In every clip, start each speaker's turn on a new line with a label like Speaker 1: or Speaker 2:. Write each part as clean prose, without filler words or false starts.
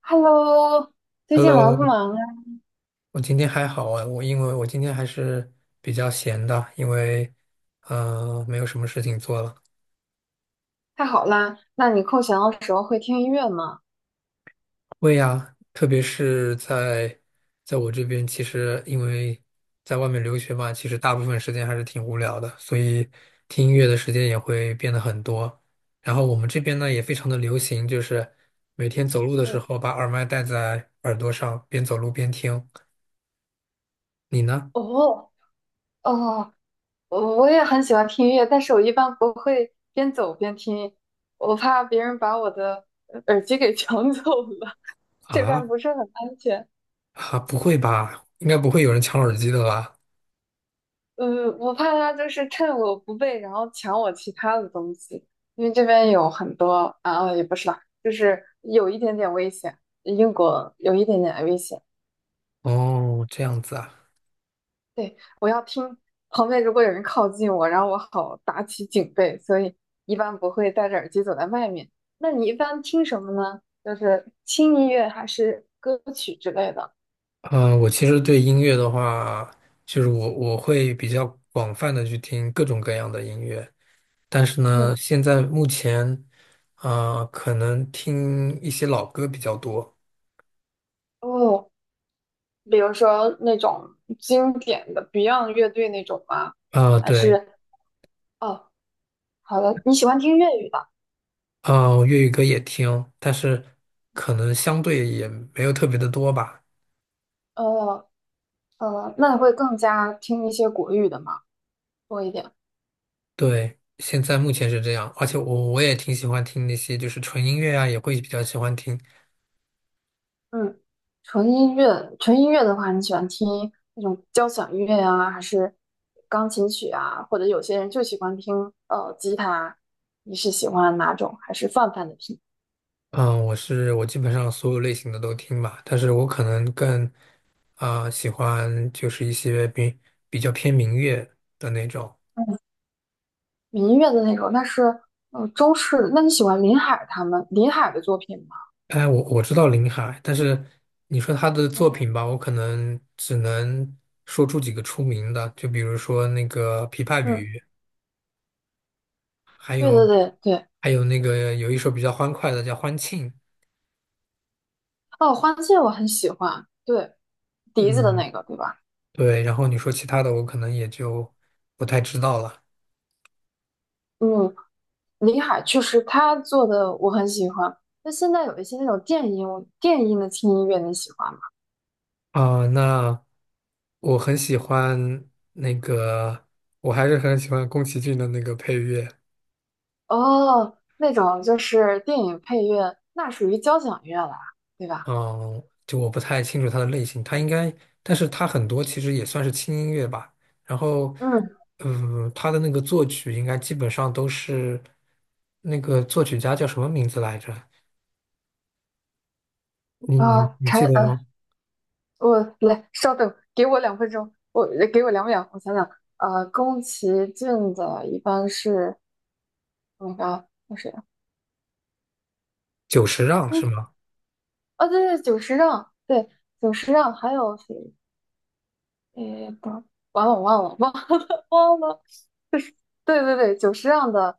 Speaker 1: Hello，最近忙
Speaker 2: Hello，
Speaker 1: 不忙啊？
Speaker 2: 我今天还好啊，因为我今天还是比较闲的，因为没有什么事情做了。
Speaker 1: 太好啦，那你空闲的时候会听音乐吗？
Speaker 2: 会呀，特别是在我这边，其实因为在外面留学嘛，其实大部分时间还是挺无聊的，所以听音乐的时间也会变得很多。然后我们这边呢也非常的流行，就是每天走路的时
Speaker 1: 嗯，
Speaker 2: 候把耳麦戴在耳朵上，边走路边听。你呢？
Speaker 1: 哦哦，我也很喜欢听音乐，但是我一般不会边走边听，我怕别人把我的耳机给 抢走了，这边
Speaker 2: 啊，
Speaker 1: 不是很安全。
Speaker 2: 啊，不会吧？应该不会有人抢耳机的吧？
Speaker 1: 嗯，我怕他就是趁我不备，然后抢我其他的东西，因为这边有很多啊，也不是吧，就是有一点点危险，英国有一点点危险。
Speaker 2: 哦，这样子啊。
Speaker 1: 对，我要听旁边如果有人靠近我，然后我好打起警备，所以一般不会戴着耳机走在外面。那你一般听什么呢？就是轻音乐还是歌曲之类的？
Speaker 2: 呃，我其实对音乐的话，就是我会比较广泛的去听各种各样的音乐，但是呢，
Speaker 1: 嗯，
Speaker 2: 现在目前，呃，可能听一些老歌比较多。
Speaker 1: 哦，比如说那种经典的 Beyond 乐队那种吗？
Speaker 2: 啊、
Speaker 1: 还
Speaker 2: 对。
Speaker 1: 是哦，好的，你喜欢听粤语的？
Speaker 2: 啊、粤语歌也听，但是可能相对也没有特别的多吧。
Speaker 1: 呃，那你会更加听一些国语的吗？多一点。
Speaker 2: 对，现在目前是这样，而且我也挺喜欢听那些就是纯音乐啊，也会比较喜欢听。
Speaker 1: 嗯，纯音乐，纯音乐的话，你喜欢听那种交响乐呀、还是钢琴曲啊？或者有些人就喜欢听吉他，你是喜欢哪种？还是泛泛的听
Speaker 2: 嗯，我基本上所有类型的都听吧，但是我可能更啊、喜欢就是一些比较偏民乐的那种。
Speaker 1: 民乐的那种？那是中式。那你喜欢林海林海的作品吗？
Speaker 2: 哎，我知道林海，但是你说他的作
Speaker 1: 嗯
Speaker 2: 品吧，我可能只能说出几个出名的，就比如说那个《琵琶
Speaker 1: 嗯，
Speaker 2: 语》，还
Speaker 1: 对对
Speaker 2: 有
Speaker 1: 对对。
Speaker 2: 还有那个有一首比较欢快的叫《欢庆》，
Speaker 1: 哦，《花谢》我很喜欢，对，笛子的
Speaker 2: 嗯，
Speaker 1: 那个，对吧？
Speaker 2: 对，然后你说其他的，我可能也就不太知道了。
Speaker 1: 嗯，林海确实他做的我很喜欢。那现在有一些那种电音，电音的轻音乐你喜欢吗？
Speaker 2: 啊，那我很喜欢那个，我还是很喜欢宫崎骏的那个配乐。
Speaker 1: 哦，那种就是电影配乐，那属于交响乐了，对吧？
Speaker 2: 嗯，就我不太清楚它的类型，它应该，但是它很多其实也算是轻音乐吧。然后，
Speaker 1: 嗯，
Speaker 2: 嗯，它的那个作曲应该基本上都是那个作曲家叫什么名字来着？你你
Speaker 1: 啊、
Speaker 2: 你记得吗？
Speaker 1: 我来稍等，给我2分钟，我给我2秒，我想想，宫崎骏的一般是那个那谁啊
Speaker 2: 久石让是
Speaker 1: 宫
Speaker 2: 吗？
Speaker 1: 啊，对对，久石让，对，久石让，还有谁？诶，不，完了，我忘了，忘了，忘了，就是对对对，久石让的，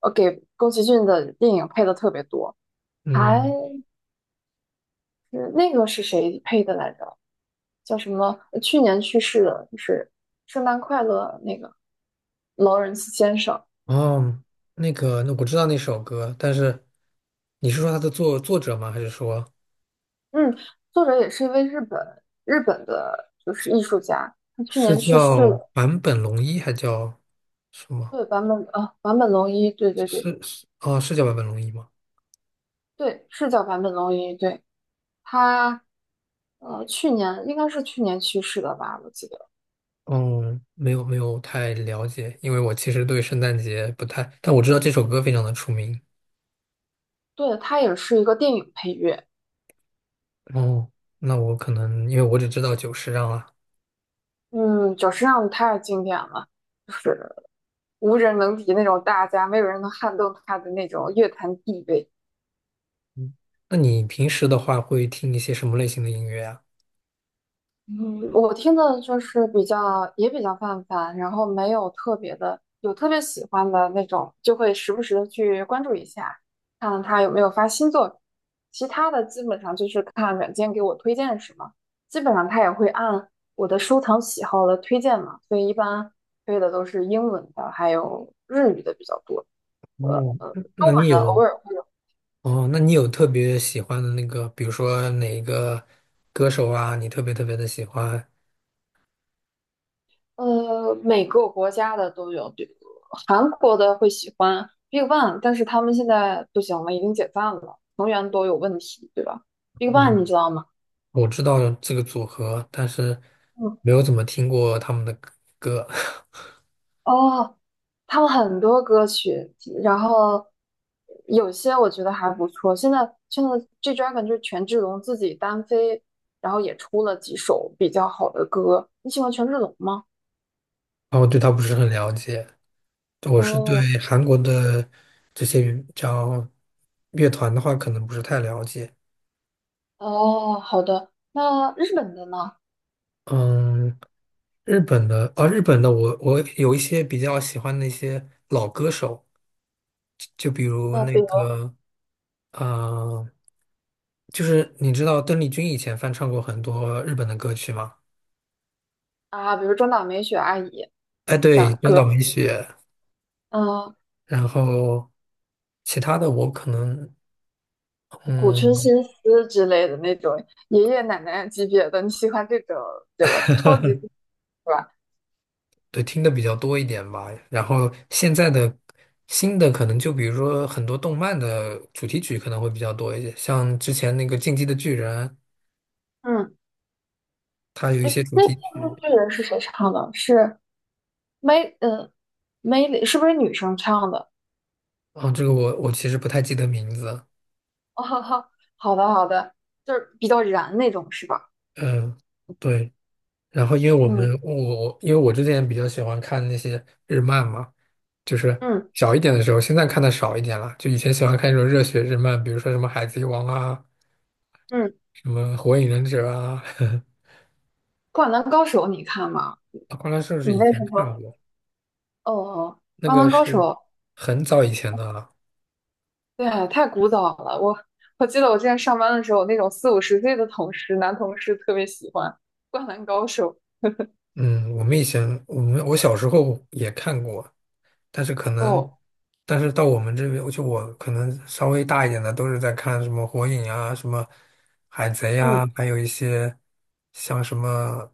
Speaker 1: 给宫崎骏的电影配的特别多，还。
Speaker 2: 嗯，
Speaker 1: 是那个是谁配的来着？叫什么？去年去世的，就是《圣诞快乐》那个劳伦斯先生。
Speaker 2: 哦，那个，那我知道那首歌，但是你是说他的作者吗？还是说？
Speaker 1: 嗯，作者也是一位日本的，就是艺术家。他去
Speaker 2: 是
Speaker 1: 年去世
Speaker 2: 叫
Speaker 1: 了。
Speaker 2: 坂本龙一还叫什么？
Speaker 1: 对，坂本啊，坂本龙一，对对对
Speaker 2: 是是哦，是叫坂本龙一吗？
Speaker 1: 对，是叫坂本龙一。对，他去年应该是去年去世的吧，我记得。
Speaker 2: 哦，没有没有太了解，因为我其实对圣诞节不太，但我知道这首歌非常的出名。
Speaker 1: 对，他也是一个电影配乐。
Speaker 2: 哦，那我可能因为我只知道久石让啊。
Speaker 1: 嗯，久石让太经典了。就是。无人能敌那种大家，没有人能撼动他的那种乐坛地位。
Speaker 2: 嗯，那你平时的话会听一些什么类型的音乐啊？
Speaker 1: 嗯我听的就是比较也比较泛泛，然后没有特别的，有特别喜欢的那种，就会时不时的去关注一下，看看他有没有发新作品。其他的基本上就是看软件给我推荐什么，基本上他也会按我的收藏喜好来推荐嘛，所以一般推的都是英文的，还有日语的比较多，
Speaker 2: 哦，那
Speaker 1: 中文
Speaker 2: 你
Speaker 1: 的偶
Speaker 2: 有
Speaker 1: 尔会。有。
Speaker 2: 哦，那你有特别喜欢的那个，比如说哪一个歌手啊，你特别特别的喜欢？
Speaker 1: 每个国家的都有，对，韩国的会喜欢 Big Bang，但是他们现在不行了，已经解散了，成员都有问题，对吧？Big Bang 你
Speaker 2: 哦，
Speaker 1: 知道吗？
Speaker 2: 我知道这个组合，但是
Speaker 1: 嗯，
Speaker 2: 没有怎么听过他们的歌。
Speaker 1: 哦，他们很多歌曲，然后有些我觉得还不错。现在 G Dragon 就是权志龙自己单飞，然后也出了几首比较好的歌。你喜欢权志龙吗？
Speaker 2: 然后对他不是很了解。我是对
Speaker 1: 哦
Speaker 2: 韩国的这些叫乐团的话，可能不是太了解。
Speaker 1: 哦，好的。那日本的呢？
Speaker 2: 嗯，日本的，啊，日本的我，我有一些比较喜欢的一些老歌手，就比如
Speaker 1: 呃，
Speaker 2: 那
Speaker 1: 比如
Speaker 2: 个，呃，就是你知道邓丽君以前翻唱过很多日本的歌曲吗？
Speaker 1: 啊，比如中岛美雪阿姨。
Speaker 2: 哎，
Speaker 1: 打
Speaker 2: 对，中
Speaker 1: 歌，
Speaker 2: 岛美雪。
Speaker 1: 嗯、
Speaker 2: 然后其他的我可能
Speaker 1: 古春
Speaker 2: 嗯，
Speaker 1: 新司之类的那种爷爷奶奶级别的，你喜欢这种这个超级是吧？
Speaker 2: 对，听的比较多一点吧。然后现在的新的可能就比如说很多动漫的主题曲可能会比较多一些，像之前那个《进击的巨人》，
Speaker 1: 嗯，
Speaker 2: 它有一
Speaker 1: 哎
Speaker 2: 些主
Speaker 1: 那
Speaker 2: 题
Speaker 1: 那部
Speaker 2: 曲
Speaker 1: 巨人是谁唱的？是梅，嗯，梅里是不是女生唱的？
Speaker 2: 啊，这个我其实不太记得名字。
Speaker 1: 哦，好的好的，就是比较燃那种是吧？
Speaker 2: 嗯，对，然后因为我们
Speaker 1: 嗯
Speaker 2: 我因为我之前比较喜欢看那些日漫嘛，就是
Speaker 1: 嗯
Speaker 2: 小一点的时候，现在看的少一点了。就以前喜欢看那种热血日漫，比如说什么《海贼王》啊，
Speaker 1: 嗯，
Speaker 2: 什么《火影忍者》啊，
Speaker 1: 《灌篮高手》你看吗？
Speaker 2: 《灌篮高手是
Speaker 1: 你
Speaker 2: 以
Speaker 1: 为什
Speaker 2: 前看
Speaker 1: 么？
Speaker 2: 过，
Speaker 1: 哦，
Speaker 2: 那
Speaker 1: 《灌
Speaker 2: 个
Speaker 1: 篮高手》
Speaker 2: 是很早以前的了。
Speaker 1: 对啊，太古早了。我记得我之前上班的时候，那种四五十岁的同事，男同事特别喜欢《灌篮高手》
Speaker 2: 嗯，我们我小时候也看过，但是可能，
Speaker 1: 哦，
Speaker 2: 但是到我们这边，就我可能稍微大一点的，都是在看什么火影啊，什么海贼
Speaker 1: 嗯
Speaker 2: 啊，还有一些像什么，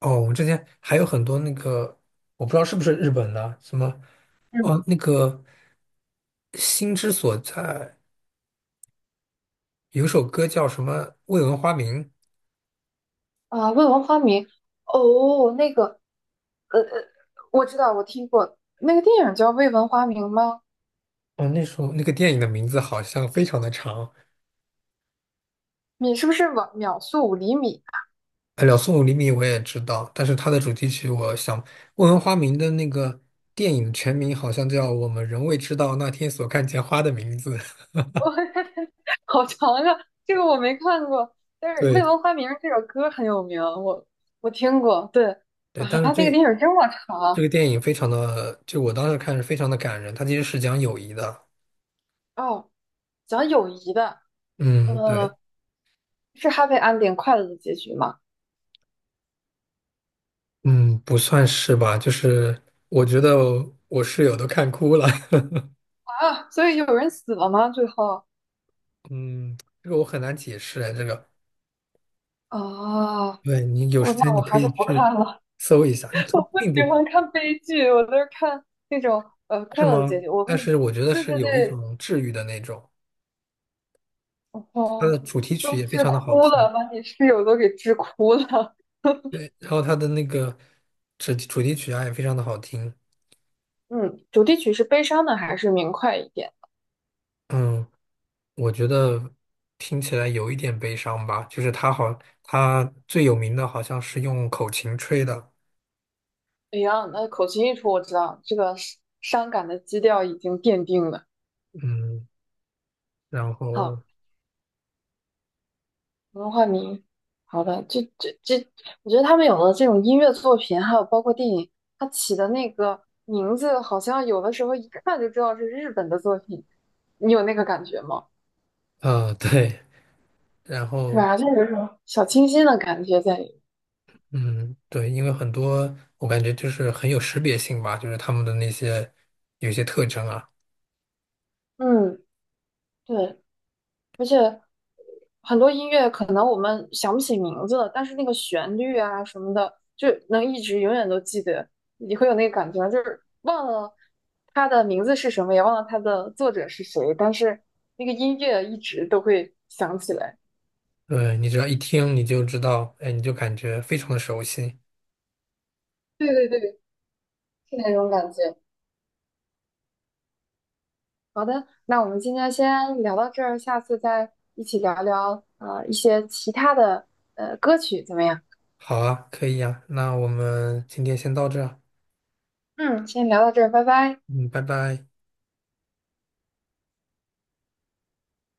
Speaker 2: 哦，我们之前还有很多那个，我不知道是不是日本的，什么，
Speaker 1: 嗯
Speaker 2: 哦，那个心之所在，有首歌叫什么《未闻花名》。
Speaker 1: 啊，未闻花名》哦，那个我知道，我听过那个电影叫《未闻花名》吗？
Speaker 2: 哦，那首那个电影的名字好像非常的长，
Speaker 1: 你是不是秒秒速5厘米？
Speaker 2: 呃两宋五厘米》我也知道，但是它的主题曲，我想问问花名的那个电影全名好像叫《我们仍未知道那天所看见花的名字》。
Speaker 1: 好长啊，这个我没看过，但是《未
Speaker 2: 对
Speaker 1: 闻花名》这首歌很有名，我听过。对
Speaker 2: 对，
Speaker 1: 啊，
Speaker 2: 但是
Speaker 1: 那个电
Speaker 2: 这
Speaker 1: 影这么
Speaker 2: 这
Speaker 1: 长
Speaker 2: 个电影非常的，就我当时看是非常的感人，它其实是讲友谊的。
Speaker 1: 哦，讲友谊的。
Speaker 2: 嗯，对，
Speaker 1: 呃，是 happy ending 快乐的结局吗？
Speaker 2: 嗯，不算是吧，就是我觉得我室友都看哭了。
Speaker 1: 啊，所以有人死了吗？最后
Speaker 2: 嗯，这个我很难解释哎，这个，
Speaker 1: 啊，
Speaker 2: 对你有
Speaker 1: 我
Speaker 2: 时
Speaker 1: 那
Speaker 2: 间
Speaker 1: 我
Speaker 2: 你可
Speaker 1: 还是
Speaker 2: 以
Speaker 1: 不
Speaker 2: 去
Speaker 1: 看了，
Speaker 2: 搜一下，它
Speaker 1: 我不
Speaker 2: 并
Speaker 1: 喜
Speaker 2: 不
Speaker 1: 欢看悲剧，我都是看那种
Speaker 2: 是
Speaker 1: 快乐的结
Speaker 2: 吗？
Speaker 1: 局。我
Speaker 2: 但
Speaker 1: 被
Speaker 2: 是我觉得
Speaker 1: 对
Speaker 2: 是
Speaker 1: 对
Speaker 2: 有一
Speaker 1: 对，
Speaker 2: 种治愈的那种，它
Speaker 1: 哦，
Speaker 2: 的主题曲
Speaker 1: 都
Speaker 2: 也非
Speaker 1: 治
Speaker 2: 常的好
Speaker 1: 哭
Speaker 2: 听，
Speaker 1: 了，把你室友都给治哭了。
Speaker 2: 对，然后它的那个主题曲啊也非常的好听，
Speaker 1: 嗯，主题曲是悲伤的还是明快一点？
Speaker 2: 嗯，我觉得听起来有一点悲伤吧，就是它好，它最有名的好像是用口琴吹的。
Speaker 1: 哎呀，那口琴一出，我知道这个伤感的基调已经奠定了。
Speaker 2: 嗯，然后
Speaker 1: 好。文化名，好的，这，我觉得他们有的这种音乐作品，还有包括电影，它起的那个名字，好像有的时候一看就知道是日本的作品，你有那个感觉吗？
Speaker 2: 对，然
Speaker 1: 是
Speaker 2: 后
Speaker 1: 吧？就有一种小清新的感觉在里面
Speaker 2: 嗯对，因为很多我感觉就是很有识别性吧，就是他们的那些有一些特征啊。
Speaker 1: 嗯，对，而且很多音乐可能我们想不起名字了，但是那个旋律啊什么的，就能一直永远都记得。你会有那个感觉吗，就是忘了它的名字是什么，也忘了它的作者是谁，但是那个音乐一直都会想起来。
Speaker 2: 对，你只要一听你就知道，哎，你就感觉非常的熟悉。
Speaker 1: 对对对，是那种感觉。好的，那我们今天先聊到这儿，下次再一起聊聊一些其他的歌曲怎么样？
Speaker 2: 好啊，可以呀，那我们今天先到这儿
Speaker 1: 嗯，先聊到这儿，拜拜。
Speaker 2: 嗯，拜拜。